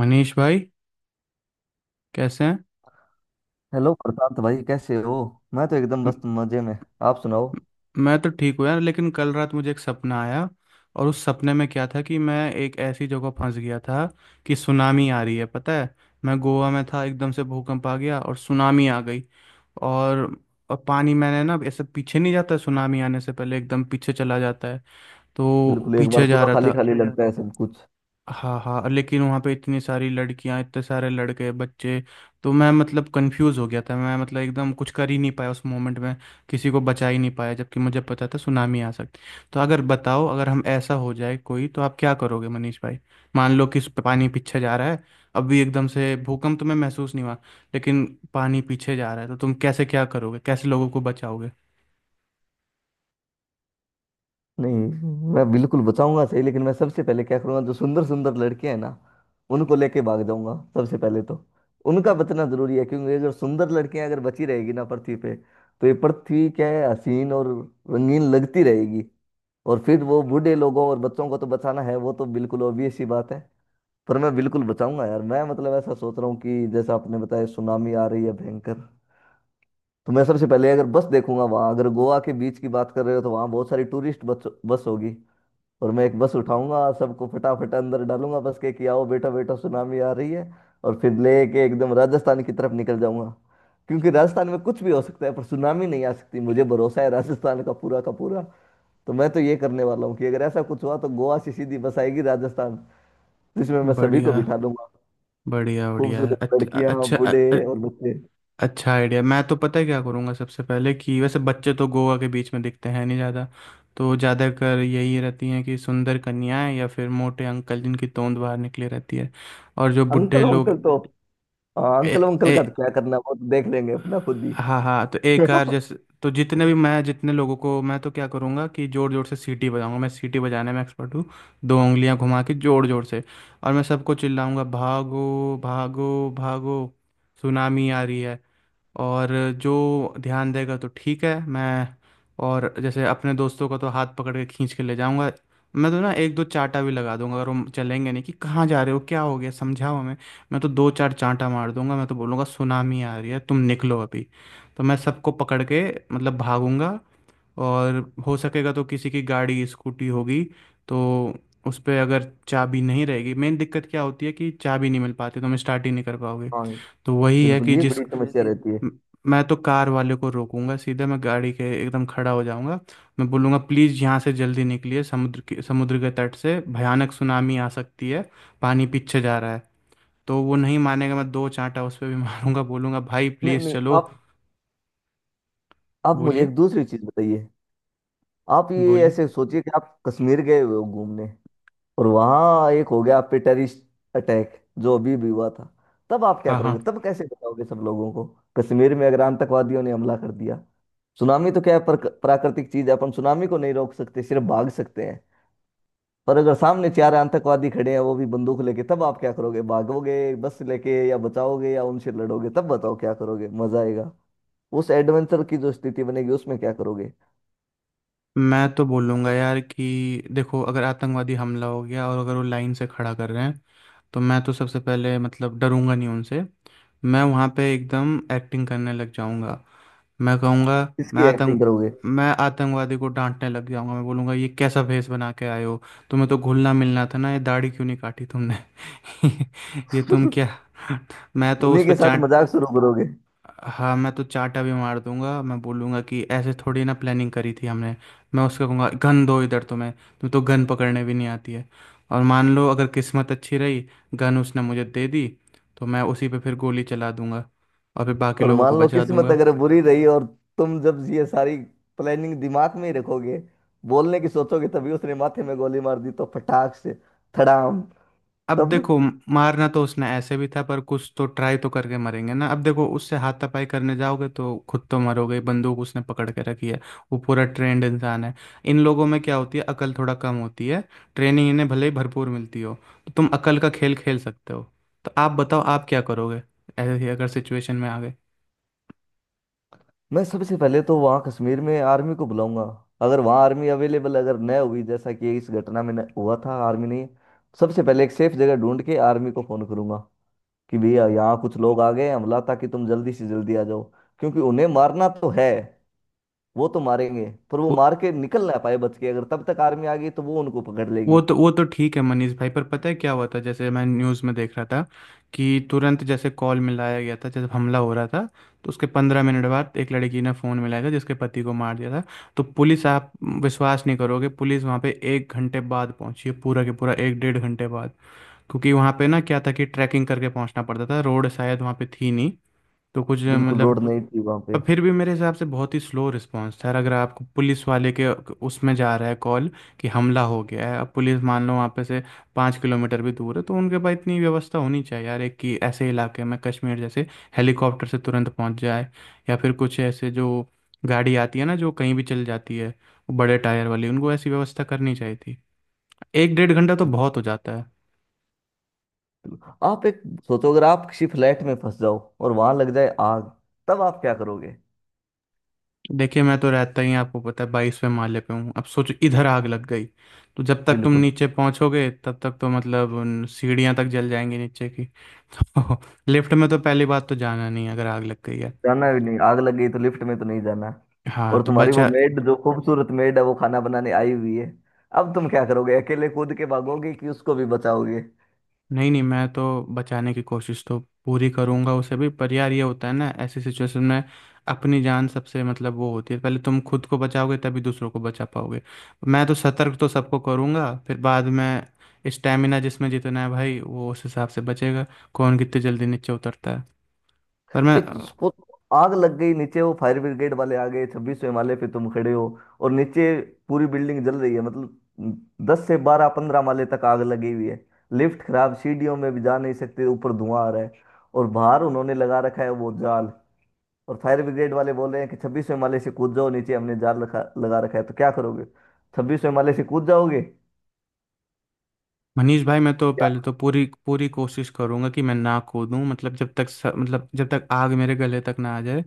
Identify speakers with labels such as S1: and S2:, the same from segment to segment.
S1: मनीष भाई कैसे हैं।
S2: हेलो प्रशांत भाई, कैसे हो। मैं तो एकदम
S1: म-
S2: बस मजे में। आप सुनाओ।
S1: म- मैं तो ठीक हूँ यार, लेकिन कल रात मुझे एक सपना आया। और उस सपने में क्या था कि मैं एक ऐसी जगह फंस गया था कि सुनामी आ रही है, पता है। मैं गोवा में था, एकदम से भूकंप आ गया और सुनामी आ गई। और और पानी मैंने ना ऐसे, पीछे नहीं जाता सुनामी आने से पहले एकदम पीछे चला जाता है, तो
S2: बिल्कुल, एक बार
S1: पीछे जा
S2: पूरा
S1: रहा
S2: खाली
S1: था।
S2: खाली लगता है सब कुछ।
S1: हाँ हाँ, लेकिन वहाँ पे इतनी सारी लड़कियाँ, इतने सारे लड़के, बच्चे। तो मैं मतलब कंफ्यूज हो गया था, मैं मतलब एकदम कुछ कर ही नहीं पाया उस मोमेंट में, किसी को बचा ही नहीं पाया, जबकि मुझे पता था सुनामी आ सकती। तो अगर बताओ, अगर हम ऐसा हो जाए कोई, तो आप क्या करोगे मनीष भाई? मान लो कि इस पे पानी पीछे जा रहा है, अभी एकदम से भूकंप तुम्हें महसूस नहीं हुआ, लेकिन पानी पीछे जा रहा है, तो तुम कैसे क्या करोगे, कैसे लोगों को बचाओगे?
S2: नहीं, मैं बिल्कुल बचाऊंगा सही, लेकिन मैं सबसे पहले क्या करूंगा, जो सुंदर सुंदर लड़के हैं ना, उनको लेके भाग जाऊंगा सबसे पहले। तो उनका बचना जरूरी है, क्योंकि अगर सुंदर लड़कियां अगर बची रहेगी ना पृथ्वी पे, तो ये पृथ्वी क्या है, हसीन और रंगीन लगती रहेगी। और फिर वो बूढ़े लोगों और बच्चों को तो बचाना है, वो तो बिल्कुल ऑब्वियस सी बात है। पर मैं बिल्कुल बचाऊंगा यार, मैं मतलब ऐसा सोच रहा हूँ कि जैसा आपने बताया, सुनामी आ रही है भयंकर। तो मैं सबसे पहले अगर बस देखूंगा वहां, अगर गोवा के बीच की बात कर रहे हो तो वहां बहुत सारी टूरिस्ट बस बस होगी। और मैं एक बस उठाऊंगा, सबको फटाफट अंदर डालूंगा बस के कि आओ बेटा बेटा, सुनामी आ रही है। और फिर लेके एकदम राजस्थान की तरफ निकल जाऊंगा। क्योंकि राजस्थान में कुछ भी हो सकता है, पर सुनामी नहीं आ सकती, मुझे भरोसा है राजस्थान का पूरा का पूरा। तो मैं तो ये करने वाला हूँ कि अगर ऐसा कुछ हुआ तो गोवा से सीधी बस आएगी राजस्थान, जिसमें मैं सभी को
S1: बढ़िया,
S2: बिठा दूंगा।
S1: बढ़िया बढ़िया,
S2: खूबसूरत
S1: अच्छा।
S2: लड़कियां, बूढ़े
S1: अच्छा,
S2: और बच्चे।
S1: अच्छा आइडिया। मैं तो पता है क्या करूँगा सबसे पहले कि वैसे बच्चे तो गोवा के बीच में दिखते हैं नहीं ज़्यादा। तो ज़्यादातर यही रहती हैं कि सुंदर कन्याएं या फिर मोटे अंकल जिनकी तोंद बाहर निकली रहती है, और जो बुढ़े
S2: अंकल
S1: लोग।
S2: वंकल तो हाँ,
S1: ए,
S2: अंकल वंकल का तो
S1: ए,
S2: क्या करना है, वो तो देख लेंगे अपना खुद ही।
S1: हाँ हाँ, तो एक कार जैसे। तो जितने लोगों को, मैं तो क्या करूँगा कि जोर जोर से सीटी बजाऊंगा, मैं सीटी बजाने में एक्सपर्ट हूँ। दो उंगलियां घुमा के जोर जोर से, और मैं सबको चिल्लाऊंगा, भागो भागो भागो, सुनामी आ रही है। और जो ध्यान देगा तो ठीक है, मैं और जैसे अपने दोस्तों का तो हाथ पकड़ के खींच के ले जाऊंगा। मैं तो ना एक दो चांटा भी लगा दूंगा अगर वो चलेंगे नहीं, कि कहाँ जा रहे हो, क्या हो गया, समझाओ हमें। मैं तो दो चार चांटा मार दूंगा, मैं तो बोलूंगा सुनामी आ रही है, तुम निकलो अभी। तो मैं सबको पकड़ के मतलब भागूंगा। और हो सकेगा तो किसी की गाड़ी, स्कूटी होगी, तो उस पर अगर चाबी नहीं रहेगी। मेन दिक्कत क्या होती है कि चाबी नहीं मिल पाती, तो हम स्टार्ट ही नहीं कर पाओगे।
S2: हाँ,
S1: तो वही है
S2: बिल्कुल
S1: कि
S2: ये बड़ी समस्या वैसे रहती है।
S1: म- मैं तो कार वाले को रोकूंगा, सीधे मैं गाड़ी के एकदम खड़ा हो जाऊंगा। मैं बोलूंगा प्लीज़ यहाँ से जल्दी निकलिए, समुद्र के तट से भयानक सुनामी आ सकती है, पानी पीछे जा रहा है। तो वो नहीं मानेगा, मैं दो चांटा उस पर भी मारूंगा, बोलूंगा भाई
S2: नहीं
S1: प्लीज़
S2: नहीं,
S1: चलो।
S2: आप मुझे
S1: बोलिए।
S2: एक दूसरी चीज बताइए। आप ये
S1: बोलिए।
S2: ऐसे सोचिए कि आप कश्मीर गए हुए हो घूमने, और वहां एक हो गया आप पे टेररिस्ट अटैक, जो अभी भी हुआ था। तब आप क्या
S1: हाँ हाँ।
S2: करोगे, तब कैसे बताओगे सब लोगों को। कश्मीर में अगर आतंकवादियों ने हमला कर दिया। सुनामी तो क्या है, पर प्राकृतिक चीज है, अपन सुनामी को नहीं रोक सकते, सिर्फ भाग सकते हैं। पर अगर सामने चार आतंकवादी खड़े हैं वो भी बंदूक लेके, तब आप क्या करोगे? भागोगे बस लेके, या बचाओगे, या उनसे लड़ोगे? तब बताओ क्या करोगे। मजा आएगा उस एडवेंचर की, जो स्थिति बनेगी उसमें क्या करोगे।
S1: मैं तो बोलूंगा यार कि देखो, अगर आतंकवादी हमला हो गया और अगर वो लाइन से खड़ा कर रहे हैं, तो मैं तो सबसे पहले मतलब डरूंगा नहीं उनसे। मैं वहाँ पे एकदम एक्टिंग करने लग जाऊंगा। मैं कहूँगा, मैं
S2: किसकी एक्टिंग
S1: आतंक
S2: करोगे?
S1: मैं आतंकवादी को डांटने लग जाऊंगा, मैं बोलूंगा ये कैसा भेष बना के आए हो, तुम्हें तो घुलना मिलना था ना, ये दाढ़ी क्यों नहीं काटी तुमने? ये तुम क्या! मैं तो
S2: उन्हीं
S1: उस
S2: के
S1: पर
S2: साथ
S1: चाट
S2: मजाक शुरू करोगे?
S1: हाँ, मैं तो चाटा भी मार दूंगा, मैं बोलूंगा कि ऐसे थोड़ी ना प्लानिंग करी थी हमने। मैं उसको कहूँगा गन दो इधर, तुम्हें तुम्हें तो गन पकड़ने भी नहीं आती है। और मान लो अगर किस्मत अच्छी रही, गन उसने मुझे दे दी, तो मैं उसी पे फिर गोली चला दूंगा, और फिर बाकी
S2: और
S1: लोगों
S2: मान
S1: को
S2: लो
S1: बचा
S2: किस्मत
S1: दूंगा।
S2: अगर बुरी रही, और तुम जब ये सारी प्लानिंग दिमाग में ही रखोगे, बोलने की सोचोगे, तभी उसने माथे में गोली मार दी तो फटाक से, थड़ाम।
S1: अब
S2: तब
S1: देखो, मारना तो उसने ऐसे भी था, पर कुछ तो ट्राई तो करके मरेंगे ना। अब देखो, उससे हाथापाई करने जाओगे तो खुद तो मरोगे, बंदूक उसने पकड़ के रखी है, वो पूरा ट्रेंड इंसान है। इन लोगों में क्या होती है, अकल थोड़ा कम होती है, ट्रेनिंग इन्हें भले ही भरपूर मिलती हो। तो तुम अकल का खेल खेल सकते हो। तो आप बताओ आप क्या करोगे ऐसे ही अगर सिचुएशन में आ
S2: मैं सबसे पहले तो वहाँ कश्मीर में आर्मी को बुलाऊंगा। अगर वहाँ आर्मी अवेलेबल अगर न हुई, जैसा कि इस घटना में न हुआ था आर्मी नहीं, सबसे पहले एक सेफ जगह ढूंढ के आर्मी को फोन करूंगा। कि भैया यहाँ कुछ लोग आ गए हैं हमला, ताकि तुम जल्दी से जल्दी आ जाओ। क्योंकि उन्हें मारना तो है, वो तो मारेंगे, पर वो
S1: गए?
S2: मार के निकल ना पाए बच के, अगर तब तक आर्मी आ गई तो वो उनको पकड़ लेगी।
S1: वो तो ठीक है मनीष भाई, पर पता है क्या हुआ था, जैसे मैं न्यूज़ में देख रहा था कि तुरंत जैसे कॉल मिलाया गया था जब हमला हो रहा था, तो उसके 15 मिनट बाद एक लड़की ने फ़ोन मिलाया था जिसके पति को मार दिया था। तो पुलिस, आप विश्वास नहीं करोगे, पुलिस वहाँ पे एक घंटे बाद पहुंची है, पूरा के पूरा एक डेढ़ घंटे बाद। क्योंकि वहाँ पे ना क्या था कि ट्रैकिंग करके पहुंचना पड़ता था, रोड शायद वहाँ पे थी नहीं तो कुछ
S2: बिल्कुल
S1: मतलब।
S2: रोड नहीं थी वहां पे।
S1: पर फिर भी मेरे हिसाब से बहुत ही स्लो रिस्पांस था यार, अगर आपको पुलिस वाले के उसमें जा रहा है कॉल कि हमला हो गया है। अब पुलिस मान लो वहाँ पे से 5 किलोमीटर भी दूर है, तो उनके पास इतनी व्यवस्था होनी चाहिए यार एक, कि ऐसे इलाके में कश्मीर जैसे हेलीकॉप्टर से तुरंत पहुँच जाए, या फिर कुछ ऐसे जो गाड़ी आती है ना जो कहीं भी चल जाती है, वो बड़े टायर वाली, उनको ऐसी व्यवस्था करनी चाहिए थी। एक डेढ़ घंटा तो बहुत हो जाता है।
S2: आप एक सोचो, अगर आप किसी फ्लैट में फंस जाओ और वहां लग जाए आग, तब आप क्या करोगे?
S1: देखिए, मैं तो रहता ही आपको पता है 22वें माले पे हूँ। अब सोचो इधर आग लग गई, तो जब तक तुम
S2: बिल्कुल।
S1: नीचे पहुंचोगे तब तक तो मतलब उन सीढ़ियां तक जल जाएंगी नीचे की तो लिफ्ट में तो पहली बात तो जाना नहीं है अगर आग लग गई है।
S2: जाना भी नहीं, आग लग गई तो लिफ्ट में तो नहीं जाना।
S1: हाँ,
S2: और
S1: तो
S2: तुम्हारी वो
S1: बचा।
S2: मेड, जो खूबसूरत मेड है, वो खाना बनाने आई हुई है, अब तुम क्या करोगे? अकेले कूद के भागोगे कि उसको भी बचाओगे?
S1: नहीं नहीं, मैं तो बचाने की कोशिश तो पूरी करूंगा उसे भी, पर यार ये होता है ना ऐसी सिचुएशन में, अपनी जान सबसे मतलब वो होती है, पहले तुम खुद को बचाओगे तभी दूसरों को बचा पाओगे। मैं तो सतर्क तो सबको करूंगा, फिर बाद में स्टेमिना जिसमें जितना है भाई वो उस हिसाब से बचेगा, कौन कितनी जल्दी नीचे उतरता है। पर मैं,
S2: एक उसको आग लग गई नीचे, वो फायर ब्रिगेड वाले आ गए, छब्बीसवें माले पे तुम खड़े हो। और नीचे पूरी बिल्डिंग जल रही है, मतलब दस से बारह पंद्रह माले तक आग लगी हुई है। लिफ्ट खराब, सीढ़ियों में भी जा नहीं सकते, ऊपर धुआं आ रहा है, और बाहर उन्होंने लगा रखा है वो जाल। और फायर ब्रिगेड वाले बोल रहे हैं कि छब्बीस माले से कूद जाओ, नीचे हमने जाल रखा, लगा रखा है, तो क्या करोगे? छब्बीस माले से कूद जाओगे
S1: मनीष भाई, मैं तो
S2: क्या?
S1: पहले तो पूरी पूरी कोशिश करूंगा कि मैं ना कूदूं, मतलब मतलब जब तक आग मेरे गले तक ना आ जाए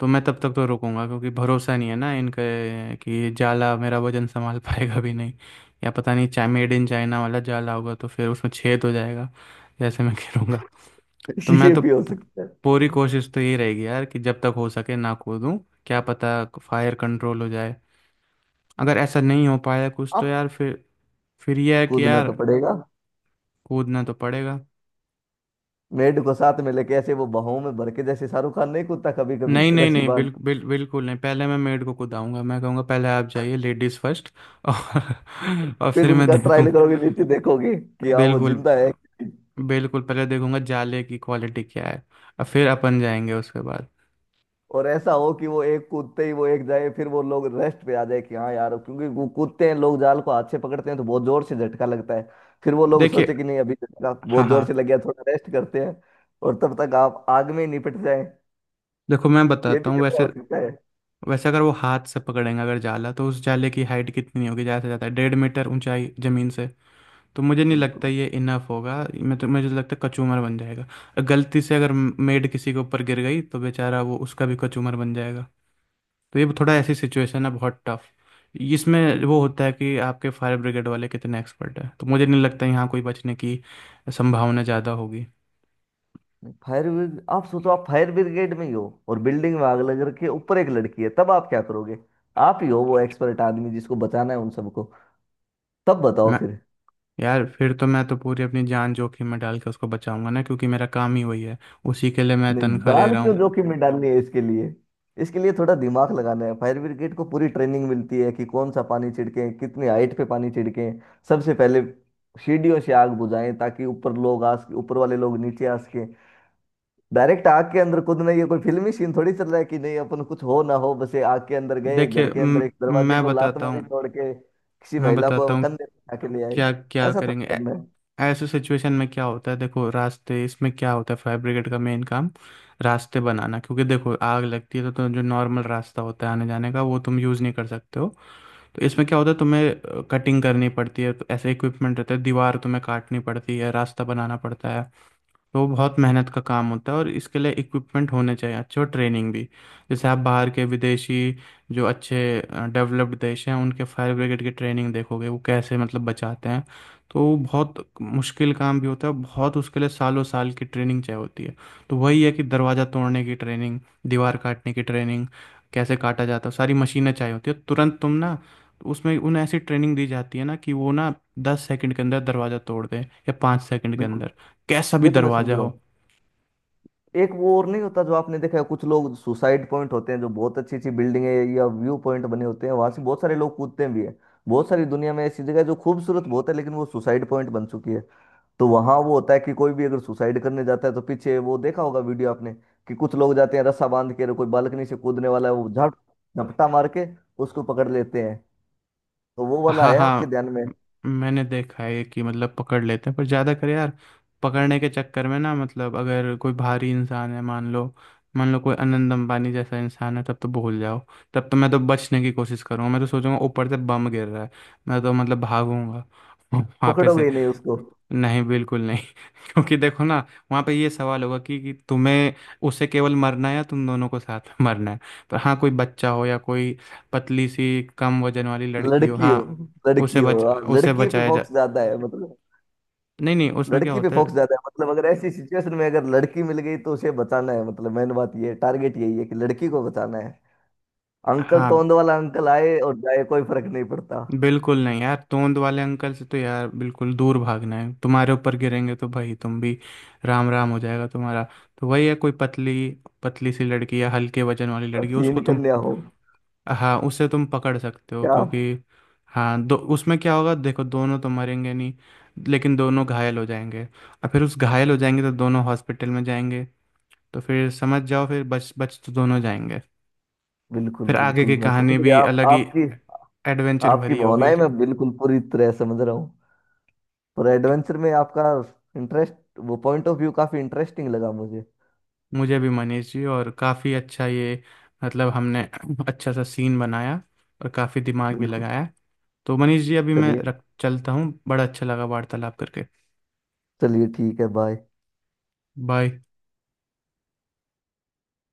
S1: तो मैं तब तक तो रुकूंगा। क्योंकि भरोसा नहीं है ना इनके कि ये जाला मेरा वजन संभाल पाएगा भी नहीं, या पता नहीं, चाहे मेड इन चाइना वाला जाला होगा तो फिर उसमें छेद हो जाएगा, जैसे मैं गिरूंगा। तो
S2: ये भी हो सकता है।
S1: पूरी कोशिश तो यही रहेगी यार कि जब तक हो सके ना कूदूं, क्या पता फायर कंट्रोल हो जाए। अगर ऐसा नहीं हो पाया कुछ तो
S2: अब
S1: यार फिर यह है कि
S2: कूदना तो
S1: यार
S2: पड़ेगा,
S1: कूदना तो पड़ेगा।
S2: मेड को साथ में लेके ऐसे वो बाहों में भर के, जैसे शाहरुख खान नहीं कूदता कभी कभी
S1: नहीं नहीं
S2: रस्सी
S1: नहीं
S2: बांध।
S1: बिल्कुल नहीं, पहले मैं मेड को कुदाऊंगा। मैं कहूंगा पहले आप जाइए, लेडीज फर्स्ट। और और
S2: फिर
S1: फिर मैं
S2: उनका
S1: देखूं।
S2: ट्रायल करोगे, नीचे देखोगे कि हाँ, वो
S1: बिल्कुल,
S2: जिंदा है कि।
S1: बिल्कुल पहले देखूंगा जाले की क्वालिटी क्या है, और फिर अपन जाएंगे उसके बाद।
S2: और ऐसा हो कि वो एक कूदते ही, वो एक जाए, फिर वो लोग रेस्ट पे आ जाए कि हाँ यार, क्योंकि वो कूदते हैं लोग, जाल को हाथ से पकड़ते हैं तो बहुत जोर से झटका लगता है। फिर वो लोग
S1: देखिए,
S2: सोचे कि नहीं, अभी तो झटका बहुत
S1: हाँ
S2: जोर
S1: हाँ,
S2: से लग गया, थोड़ा रेस्ट करते हैं, और तब तक आप आग में ही निपट जाए।
S1: देखो मैं
S2: ये
S1: बताता
S2: भी
S1: हूँ
S2: खतरा
S1: वैसे।
S2: हो सकता है।
S1: वैसे अगर वो हाथ से पकड़ेंगे अगर जाला, तो उस जाले की हाइट कितनी होगी, ज़्यादा से ज़्यादा 1.5 मीटर ऊंचाई ज़मीन से। तो मुझे नहीं लगता
S2: बिल्कुल।
S1: ये इनफ होगा, मैं तो मुझे तो लगता है कचूमर बन जाएगा। गलती से अगर मेड किसी के ऊपर गिर गई तो बेचारा वो उसका भी कचूमर बन जाएगा। तो ये थोड़ा ऐसी सिचुएशन है बहुत टफ। इसमें वो होता है कि आपके फायर ब्रिगेड वाले कितने एक्सपर्ट हैं, तो मुझे नहीं लगता यहाँ कोई बचने की संभावना ज़्यादा होगी।
S2: फायर ब्रिगेड, आप सोचो, आप फायर ब्रिगेड में ही हो और बिल्डिंग में आग लग रखी है, ऊपर एक लड़की है, तब आप क्या करोगे? आप ही हो वो एक्सपर्ट आदमी, जिसको बचाना है उन सबको, तब बताओ
S1: मैं,
S2: फिर।
S1: यार फिर तो मैं तो पूरी अपनी जान जोखिम में डाल के उसको बचाऊंगा ना, क्योंकि मेरा काम ही वही है, उसी के लिए मैं
S2: नहीं,
S1: तनख्वाह ले
S2: जान
S1: रहा
S2: क्यों
S1: हूँ।
S2: जोखिम में डालनी है इसके लिए। इसके लिए थोड़ा दिमाग लगाना है, फायर ब्रिगेड को पूरी ट्रेनिंग मिलती है कि कौन सा पानी छिड़के, कितनी हाइट पे पानी छिड़के। सबसे पहले सीढ़ियों से आग बुझाएं, ताकि ऊपर लोग आ सके, ऊपर वाले लोग नीचे आ सके। डायरेक्ट आग के अंदर कूदना, ये कोई फिल्मी सीन थोड़ी चल रहा है कि नहीं, अपन कुछ हो ना हो बस ये आग के अंदर गए, घर
S1: देखिए,
S2: के अंदर एक दरवाजे
S1: मैं
S2: को लात
S1: बताता
S2: मारी,
S1: हूँ,
S2: तोड़ के किसी
S1: मैं
S2: महिला को
S1: बताता हूँ
S2: कंधे पे उठा के ले आए,
S1: क्या क्या
S2: ऐसा थोड़ी
S1: करेंगे
S2: करना है।
S1: ऐसे सिचुएशन में। क्या होता है, देखो रास्ते, इसमें क्या होता है फायर ब्रिगेड का मेन काम, रास्ते बनाना। क्योंकि देखो आग लगती है तो जो नॉर्मल रास्ता होता है आने जाने का, वो तुम यूज़ नहीं कर सकते हो। तो इसमें क्या होता है तुम्हें कटिंग करनी पड़ती है, तो ऐसे इक्विपमेंट रहता है, दीवार तुम्हें काटनी पड़ती है, रास्ता बनाना पड़ता है। तो बहुत मेहनत का काम होता है, और इसके लिए इक्विपमेंट होने चाहिए अच्छे, और ट्रेनिंग भी। जैसे आप बाहर के विदेशी जो अच्छे डेवलप्ड देश हैं उनके फायर ब्रिगेड की ट्रेनिंग देखोगे वो कैसे मतलब बचाते हैं। तो वो बहुत मुश्किल काम भी होता है बहुत, उसके लिए सालों साल की ट्रेनिंग चाहिए होती है। तो वही है कि दरवाज़ा तोड़ने की ट्रेनिंग, दीवार काटने की ट्रेनिंग, कैसे काटा जाता है, सारी मशीनें चाहिए होती है तुरंत, तुम ना उसमें उन्हें ऐसी ट्रेनिंग दी जाती है ना कि वो ना 10 सेकंड के अंदर दरवाज़ा तोड़ दें या 5 सेकंड के
S2: बिल्कुल,
S1: अंदर, कैसा
S2: ये
S1: भी
S2: तो मैं समझ
S1: दरवाजा
S2: रहा
S1: हो।
S2: हूँ। एक वो और नहीं होता जो आपने देखा है, कुछ लोग सुसाइड पॉइंट होते हैं, जो बहुत अच्छी अच्छी बिल्डिंग है या व्यू पॉइंट बने होते हैं, वहां से बहुत सारे लोग कूदते भी हैं। बहुत सारी दुनिया में ऐसी जगह है जो खूबसूरत बहुत है, लेकिन वो सुसाइड पॉइंट बन चुकी है। तो वहां वो होता है कि कोई भी अगर सुसाइड करने जाता है तो पीछे, वो देखा होगा वीडियो आपने, कि कुछ लोग जाते हैं रस्सा बांध के, कोई बालकनी से कूदने वाला है, वो झप झपटा मार के उसको पकड़ लेते हैं। तो वो वाला
S1: हाँ
S2: है आपके
S1: हाँ।
S2: ध्यान में?
S1: म- मैंने देखा है कि मतलब पकड़ लेते हैं, पर ज़्यादा कर यार पकड़ने के चक्कर में ना, मतलब अगर कोई भारी इंसान है, मान लो, मान लो कोई अनंत अंबानी जैसा इंसान है तब तो भूल जाओ। तब तो मैं तो बचने की कोशिश करूंगा, मैं तो सोचूंगा ऊपर से बम गिर रहा है, मैं तो मतलब भागूंगा वहाँ पे
S2: पकड़ोगे
S1: से।
S2: ही नहीं उसको?
S1: नहीं बिल्कुल नहीं क्योंकि देखो ना, वहाँ पे ये सवाल होगा कि तुम्हें, उसे केवल मरना है या तुम दोनों को साथ में मरना है। तो हाँ, कोई बच्चा हो या कोई पतली सी कम वजन वाली लड़की हो,
S2: लड़की
S1: हाँ
S2: हो, लड़की हो हाँ,
S1: उसे
S2: लड़की पे
S1: बचाया जा।
S2: फोकस ज्यादा है मतलब।
S1: नहीं नहीं, उसमें क्या
S2: लड़की पे
S1: होता है,
S2: फोकस ज्यादा है मतलब, अगर ऐसी सिचुएशन में अगर लड़की मिल गई तो उसे बचाना है, मतलब मेन बात ये टारगेट यही है कि लड़की को बचाना है। अंकल,
S1: हाँ,
S2: तोंद वाला अंकल आए और जाए, कोई फर्क नहीं पड़ता।
S1: बिल्कुल नहीं यार, तोंद वाले अंकल से तो यार बिल्कुल दूर भागना है, तुम्हारे ऊपर गिरेंगे तो भाई तुम भी राम राम हो जाएगा तुम्हारा। तो वही है, कोई पतली, पतली सी लड़की या हल्के वजन वाली
S2: और
S1: लड़की उसको
S2: सीन
S1: तुम,
S2: कन्या हो।
S1: हाँ उससे तुम पकड़ सकते हो,
S2: क्या?
S1: क्योंकि हाँ दो, उसमें क्या होगा देखो, दोनों तो मरेंगे नहीं, लेकिन दोनों घायल हो जाएंगे, और फिर उस घायल हो जाएंगे तो दोनों हॉस्पिटल में जाएंगे। तो फिर समझ जाओ, फिर बच बच तो दोनों जाएंगे।
S2: बिल्कुल
S1: फिर आगे
S2: बिल्कुल,
S1: की
S2: मैं समझ
S1: कहानी
S2: गया।
S1: भी
S2: आप
S1: अलग ही
S2: आपकी
S1: एडवेंचर
S2: आपकी
S1: भरी होगी।
S2: भावनाएं मैं बिल्कुल पूरी तरह समझ रहा हूँ। पर एडवेंचर में आपका इंटरेस्ट, वो पॉइंट ऑफ व्यू काफी इंटरेस्टिंग लगा मुझे।
S1: मुझे भी मनीष जी, और काफ़ी अच्छा ये मतलब हमने अच्छा सा सीन बनाया, और काफ़ी दिमाग भी
S2: बिल्कुल।
S1: लगाया। तो मनीष जी अभी मैं
S2: चलिए,
S1: रख चलता हूँ, बड़ा अच्छा लगा वार्तालाप करके।
S2: चलिए ठीक है। बाय।
S1: बाय।